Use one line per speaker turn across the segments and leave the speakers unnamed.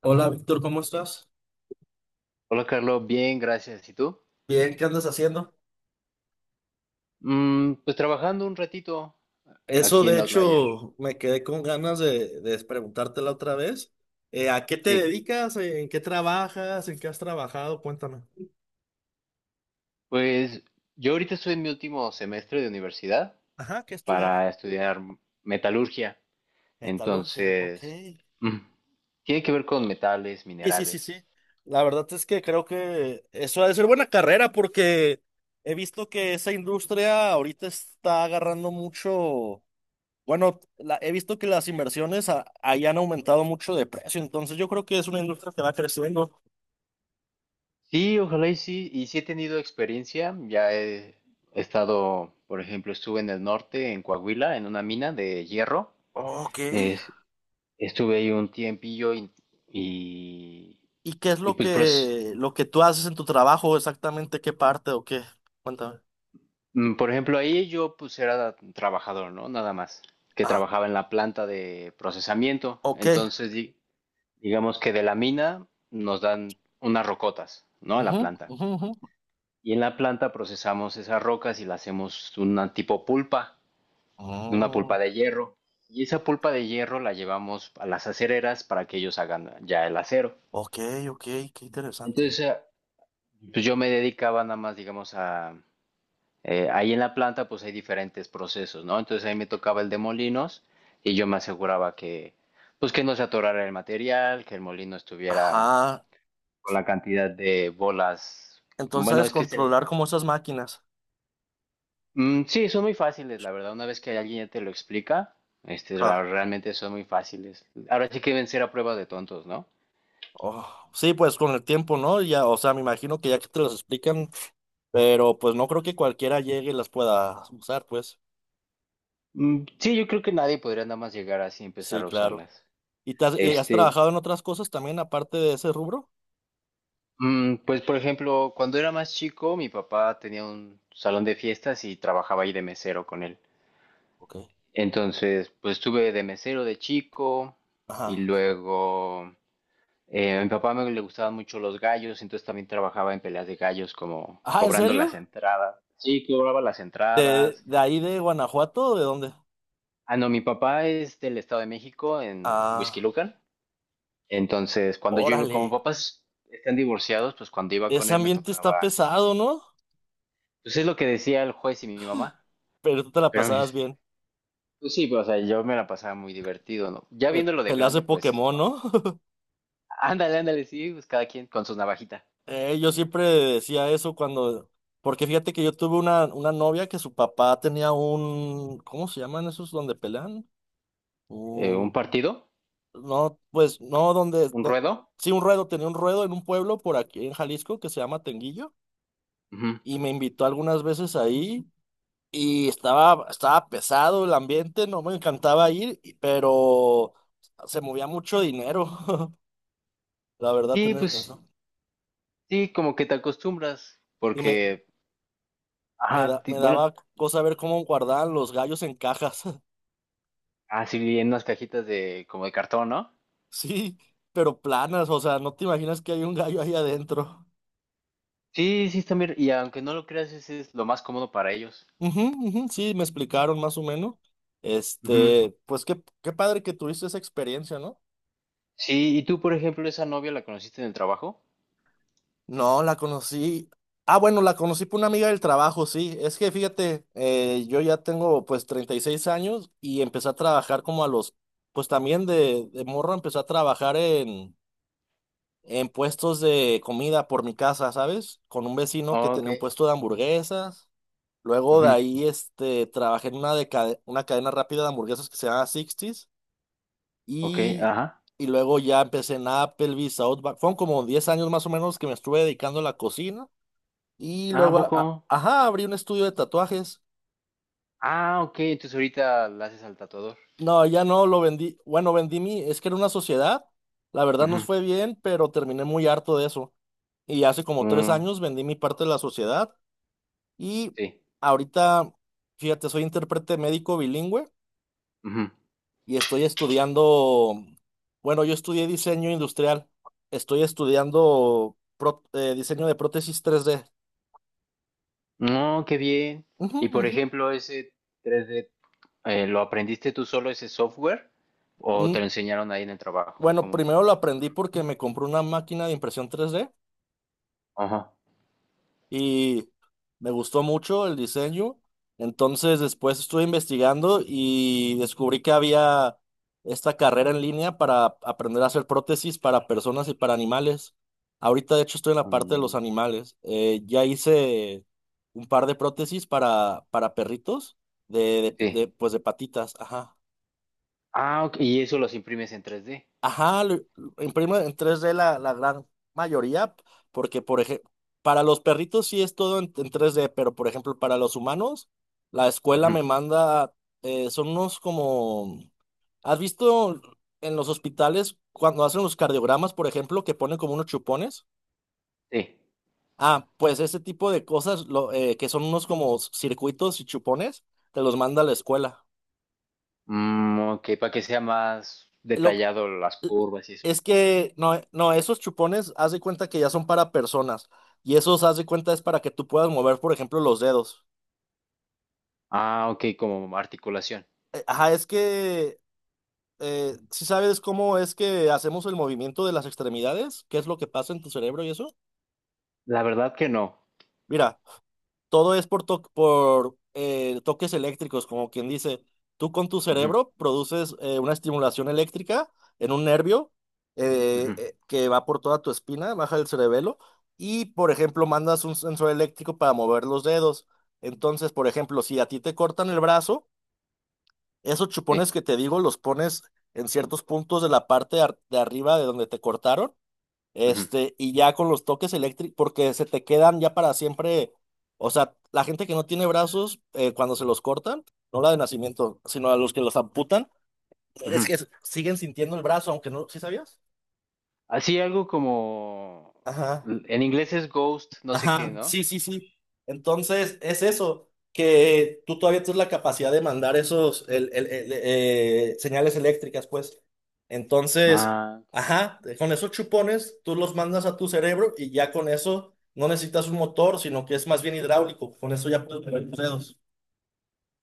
Hola Víctor, ¿cómo estás?
Hola Carlos, bien, gracias. ¿Y tú?
Bien, ¿qué andas haciendo?
Pues trabajando un ratito
Eso,
aquí
de
en Outlier.
hecho, me quedé con ganas de preguntártela otra vez. ¿A qué te
Sí,
dedicas? ¿En qué trabajas? ¿En qué has trabajado? Cuéntame.
pues yo ahorita estoy en mi último semestre de universidad
Ajá, ¿qué estudias?
para estudiar metalurgia.
Metalurgia, ok.
Entonces, mm, tiene que ver con metales,
Sí, sí, sí, sí.
minerales.
La verdad es que creo que eso ha de ser buena carrera porque he visto que esa industria ahorita está agarrando mucho. Bueno, he visto que las inversiones ahí han aumentado mucho de precio, entonces yo creo que es una industria que va creciendo.
Sí, ojalá y sí. Y sí he tenido experiencia. Ya he estado, por ejemplo, estuve en el norte, en Coahuila, en una mina de hierro.
Ok.
Es- Estuve ahí un tiempillo y,
¿Y qué es
y
lo
pues
que, lo que tú haces en tu trabajo exactamente? ¿Qué parte o qué? Cuéntame.
Por ejemplo, ahí yo pues era trabajador, ¿no? Nada más, que
Ah,
trabajaba en la planta de procesamiento.
ok.
Entonces, digamos que de la mina nos dan unas rocotas, ¿no? A la
Ujú,
planta.
ujú, ujú.
Y en la planta procesamos esas rocas y la hacemos una tipo pulpa, una
Mm,
pulpa de hierro. Y esa pulpa de hierro la llevamos a las acereras para que ellos hagan ya el acero.
ok, ok, qué interesante.
Entonces, pues yo me dedicaba nada más, digamos, a, ahí en la planta pues hay diferentes procesos, ¿no? Entonces ahí me tocaba el de molinos y yo me aseguraba que pues que no se atorara el material, que el molino estuviera
Ajá.
con la cantidad de bolas.
Entonces
Bueno,
sabes
es que es
controlar como esas máquinas.
mm, sí, son muy fáciles, la verdad. Una vez que alguien ya te lo explica, este,
Ah,
realmente son muy fáciles. Ahora sí que deben ser a prueba de tontos, ¿no?
oh, sí, pues con el tiempo, ¿no? Ya, o sea, me imagino que ya que te las explican, pero pues no creo que cualquiera llegue y las pueda usar, pues.
Mm, sí, yo creo que nadie podría nada más llegar así y empezar
Sí,
a
claro.
usarlas.
¿Y, te has, y has
Este,
trabajado en otras cosas también aparte de ese rubro?
Pues por ejemplo, cuando era más chico, mi papá tenía un salón de fiestas y trabajaba ahí de mesero con él.
Ok.
Entonces, pues estuve de mesero de chico y
Ajá.
luego a mi papá me le gustaban mucho los gallos, entonces también trabajaba en peleas de gallos como
Ah, ¿en
cobrando las
serio?
entradas. Sí, cobraba las entradas.
De ahí de Guanajuato o de dónde?
Ah, no, mi papá es del Estado de México, en
Ah,
Huixquilucan. Entonces, cuando yo iba, como
órale.
papás están divorciados, pues cuando iba con
Ese
él me
ambiente está
tocaba,
pesado, ¿no?
pues es lo que decía el juez y mi mamá.
Pero tú te la
Pero
pasabas bien.
pues sí, pues, o sea, yo me la pasaba muy divertido, ¿no? Ya
Pues,
viéndolo de
peleas de
grande, pues sí,
Pokémon,
no.
¿no?
Ándale, ándale, sí, pues cada quien con su navajita.
Yo siempre decía eso cuando... Porque fíjate que yo tuve una novia que su papá tenía un... ¿Cómo se llaman esos donde pelean?
Un partido,
No, pues no, donde,
un ruedo.
sí, un ruedo, tenía un ruedo en un pueblo por aquí en Jalisco que se llama Tenguillo
Ujú.
y me invitó algunas veces ahí y estaba pesado el ambiente, no me encantaba ir, y- pero se movía mucho dinero, la verdad,
Sí,
tenés
pues
razón.
sí, como que te acostumbras,
Y
porque, ajá,
me
bueno,
daba cosa ver cómo guardaban los gallos en cajas,
así en unas cajitas de como de cartón, ¿no?
sí, pero planas, o sea, no te imaginas que hay un gallo ahí adentro.
Sí, sí, también, y aunque no lo creas, ese es lo más cómodo para ellos.
Ujú, ujú, sí, me explicaron más o menos.
Ujú.
Este, pues qué padre que tuviste esa experiencia, ¿no?
Sí, y tú, por ejemplo, esa novia la conociste en el trabajo.
No, la conocí. Ah, bueno, la conocí por una amiga del trabajo, sí. Es que fíjate, yo ya tengo pues 36 años y empecé a trabajar como a los, pues también de morro empecé a trabajar en puestos de comida por mi casa, ¿sabes? Con un vecino que
Oh, ok.
tenía un puesto de hamburguesas. Luego de
Ujú.
ahí, este, trabajé en una, una cadena rápida de hamburguesas que se llama Sixties.
Ok,
Y,
ajá.
y luego ya empecé en Applebee's, Outback. Fueron como 10 años más o menos que me estuve dedicando a la cocina. Y
Ah, ¿a
luego,
poco?
ajá, abrí un estudio de tatuajes.
Ah, ok, entonces ahorita la haces al tatuador.
No, ya no lo vendí. Bueno, vendí mi, es que era una sociedad. La verdad nos
Ujú,
fue bien, pero terminé muy harto de eso. Y hace como tres
mm,
años vendí mi parte de la sociedad. Y
sí.
ahorita, fíjate, soy intérprete médico bilingüe.
Ujú.
Y estoy estudiando, bueno, yo estudié diseño industrial, estoy estudiando diseño de prótesis 3D.
No, qué bien.
Ujú,
Y por
ujú.
ejemplo, ese 3D ¿lo aprendiste tú solo ese software? ¿O te
Mm,
lo enseñaron ahí en el trabajo?
bueno,
¿Cómo?
primero lo aprendí porque me compré una máquina de impresión 3D
Ajá.
y me gustó mucho el diseño. Entonces después estuve investigando y descubrí que había esta carrera en línea para aprender a hacer prótesis para personas y para animales. Ahorita de hecho estoy en la parte de los
Mm,
animales. Ya hice un par de prótesis para perritos de,
sí.
de, pues de patitas. Ajá.
Ah, ok, y eso los imprimes en 3D.
Ajá, lo imprime en 3D la gran mayoría, porque por ejemplo, para los perritos sí es todo en tres d, pero por ejemplo, para los humanos, la escuela
Ujú.
me manda, son unos como, ¿has visto en los hospitales cuando hacen los cardiogramas, por ejemplo, que ponen como unos chupones?
Sí.
Ah, pues ese tipo de cosas, lo, que son unos como circuitos y chupones, te los manda la escuela.
Mm, ok, para que sea más
Lo
detallado las
eh,
curvas y eso.
Es que no, no, esos chupones haz de cuenta que ya son para personas y esos haz de cuenta es para que tú puedas mover, por ejemplo, los dedos.
Ah, ok, como articulación.
Ajá, es que si sabes cómo es que hacemos el movimiento de las extremidades, qué es lo que pasa en tu cerebro y eso.
La verdad que no.
Mira, todo es por, toques eléctricos, como quien dice, tú con tu
Ujú,
cerebro produces una estimulación eléctrica en un nervio
ujú,
que va por toda tu espina, baja el cerebelo, y por ejemplo mandas un sensor eléctrico para mover los dedos. Entonces, por ejemplo, si a ti te cortan el brazo, esos
sí.
chupones que te digo los pones en ciertos puntos de la parte de arriba de donde te cortaron,
Ujú,
este, y ya con los toques eléctricos, porque se te quedan ya para siempre. O sea, la gente que no tiene brazos, cuando se los cortan, no la de nacimiento, sino a los que los amputan,
ujú.
es que siguen sintiendo el brazo, aunque no, ¿sí sabías?
Así algo como,
Ajá.
en inglés es ghost, no sé qué,
Ajá,
¿no?
sí, sí, sí. Entonces, es eso, que tú todavía tienes la capacidad de mandar esos señales eléctricas, pues. Entonces,
Ah,
ajá, con esos chupones tú los mandas a tu cerebro y ya con eso no necesitas un motor, sino que es más bien hidráulico. Con eso ya puedes mover tus dedos.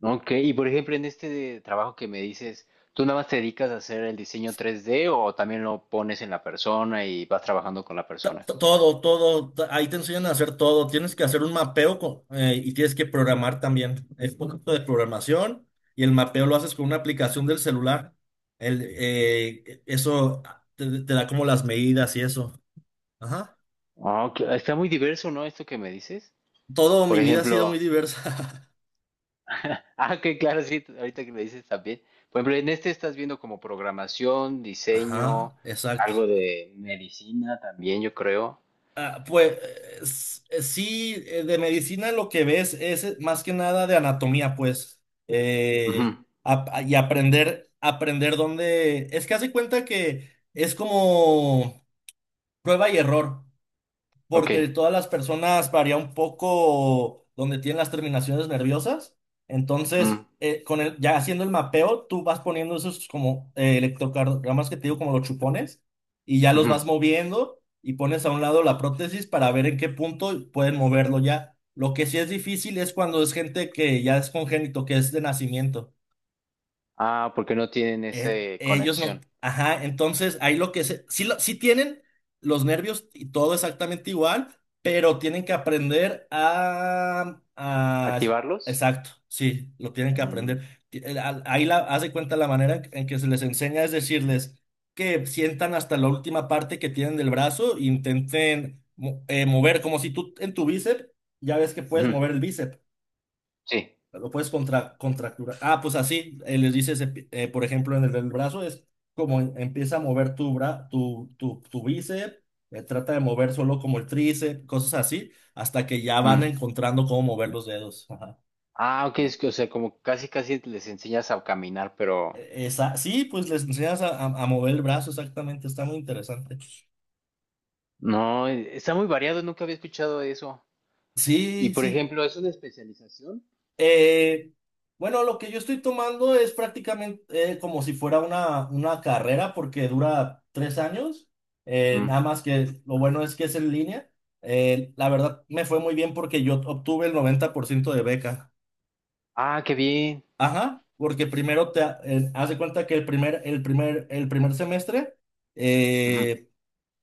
ok. Y por ejemplo, en este de trabajo que me dices, ¿tú nada más te dedicas a hacer el diseño 3D o también lo pones en la persona y vas trabajando con la persona?
Todo, todo, ahí te enseñan a hacer todo. Tienes que hacer un mapeo y tienes que programar también. Es un poquito de programación y el mapeo lo haces con una aplicación del celular. El, eso te da como las medidas y eso. Ajá.
Ah, ok, está muy diverso, ¿no? Esto que me dices.
Todo
Por
mi vida ha sido muy
ejemplo,
diversa.
ah, que claro, sí, ahorita que me dices también. Por ejemplo, en este estás viendo como programación,
Ajá,
diseño, algo
exacto.
de medicina también, yo creo.
Ah, pues sí, de medicina lo que ves es más que nada de anatomía, pues,
Ujú,
eh, y aprender dónde, es que hace cuenta que es como prueba y error
ok.
porque todas las personas varía un poco donde tienen las terminaciones nerviosas. Entonces,
Mm,
con el, ya haciendo el mapeo, tú vas poniendo esos como electrocardiogramas que te digo, como los chupones, y ya los
ujú.
vas moviendo y pones a un lado la prótesis para ver en qué punto pueden moverlo ya. Lo que sí es difícil es cuando es gente que ya es congénito, que es de nacimiento.
Ah, porque no tienen esa
Ellos no.
conexión.
Ajá, entonces ahí lo que se. Sí, sí tienen los nervios y todo exactamente igual, pero tienen que aprender a
¿Activarlos?
exacto, sí, lo tienen que aprender.
Mm,
Ahí la, haz de cuenta, la manera en que se les enseña es decirles que sientan hasta la última parte que tienen del brazo e intenten mover, como si tú en tu bíceps, ya ves que puedes
ujú,
mover el bíceps.
sí.
Lo puedes contracturar. Ah, pues así, les dices, por ejemplo, en el, del brazo es como empieza a mover tu, tu bíceps, trata de mover solo como el tríceps, cosas así, hasta que ya van
Mm.
encontrando cómo mover los dedos. Ajá.
Ah, ok,
La-
es que, o sea, como casi casi les enseñas a caminar, pero
Esa, sí, pues les enseñas a mover el brazo, exactamente, está muy interesante.
no, está muy variado, nunca había escuchado eso. Y
Sí,
por
sí.
ejemplo, ¿es una especialización?
Eh, bueno, lo que yo estoy tomando es prácticamente como si fuera una carrera porque dura 3 años.
Mm.
Nada más que lo bueno es que es en línea. La verdad me fue muy bien porque yo obtuve el 90% de beca.
Ah, qué bien.
Ajá, porque primero te hace cuenta que el primer semestre
Ujú,
eh,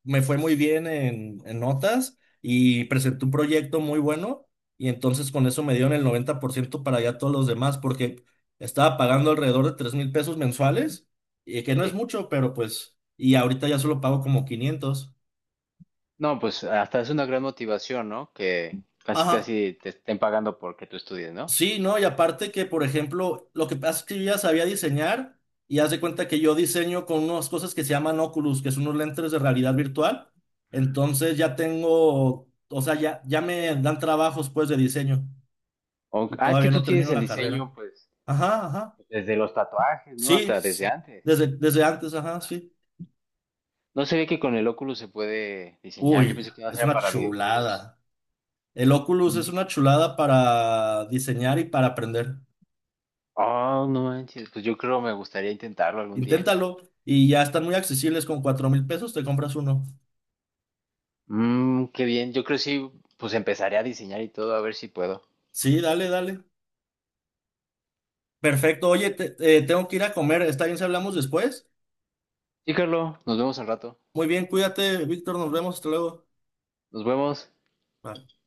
me fue muy bien en notas y presenté un proyecto muy bueno y entonces con eso me dieron el 90% para allá todos los demás porque estaba pagando alrededor de 3,000 pesos mensuales, y que no es
sí.
mucho, pero pues, y ahorita ya solo pago como 500.
No, pues hasta es una gran motivación, ¿no? Que casi
Ajá,
casi te estén pagando porque tú estudies, ¿no?
sí, ¿no? Y aparte que, por ejemplo, lo que pasa es que yo ya sabía diseñar y haz de cuenta que yo diseño con unas cosas que se llaman Oculus, que son unos lentes de realidad virtual.
Mm.
Entonces ya tengo, o sea, ya, ya me dan trabajos pues de diseño. Y
Ah, es que
todavía
tú
no
tienes
termino
el
la carrera.
diseño, pues,
Ajá, ajá.
desde los tatuajes, ¿no?
Sí,
Hasta desde antes.
desde antes, ajá, sí.
No sabía que con el Oculus se puede diseñar. Yo
Uy,
pensé que no
es
era
una
para videojuegos.
chulada. El Oculus es
Mm.
una chulada para diseñar y para aprender.
Oh, no manches. Pues yo creo me gustaría intentarlo algún día.
Inténtalo y ya están muy accesibles. Con 4,000 pesos te compras uno.
Mm, qué bien. Yo creo sí, pues empezaré a diseñar y todo, a ver si puedo.
Sí, dale, dale. Perfecto. Oye, tengo que ir a comer. ¿Está bien si hablamos después?
Sí, Carlos, nos vemos al rato.
Muy bien, cuídate, Víctor. Nos vemos. Hasta luego.
Nos vemos.
Bye.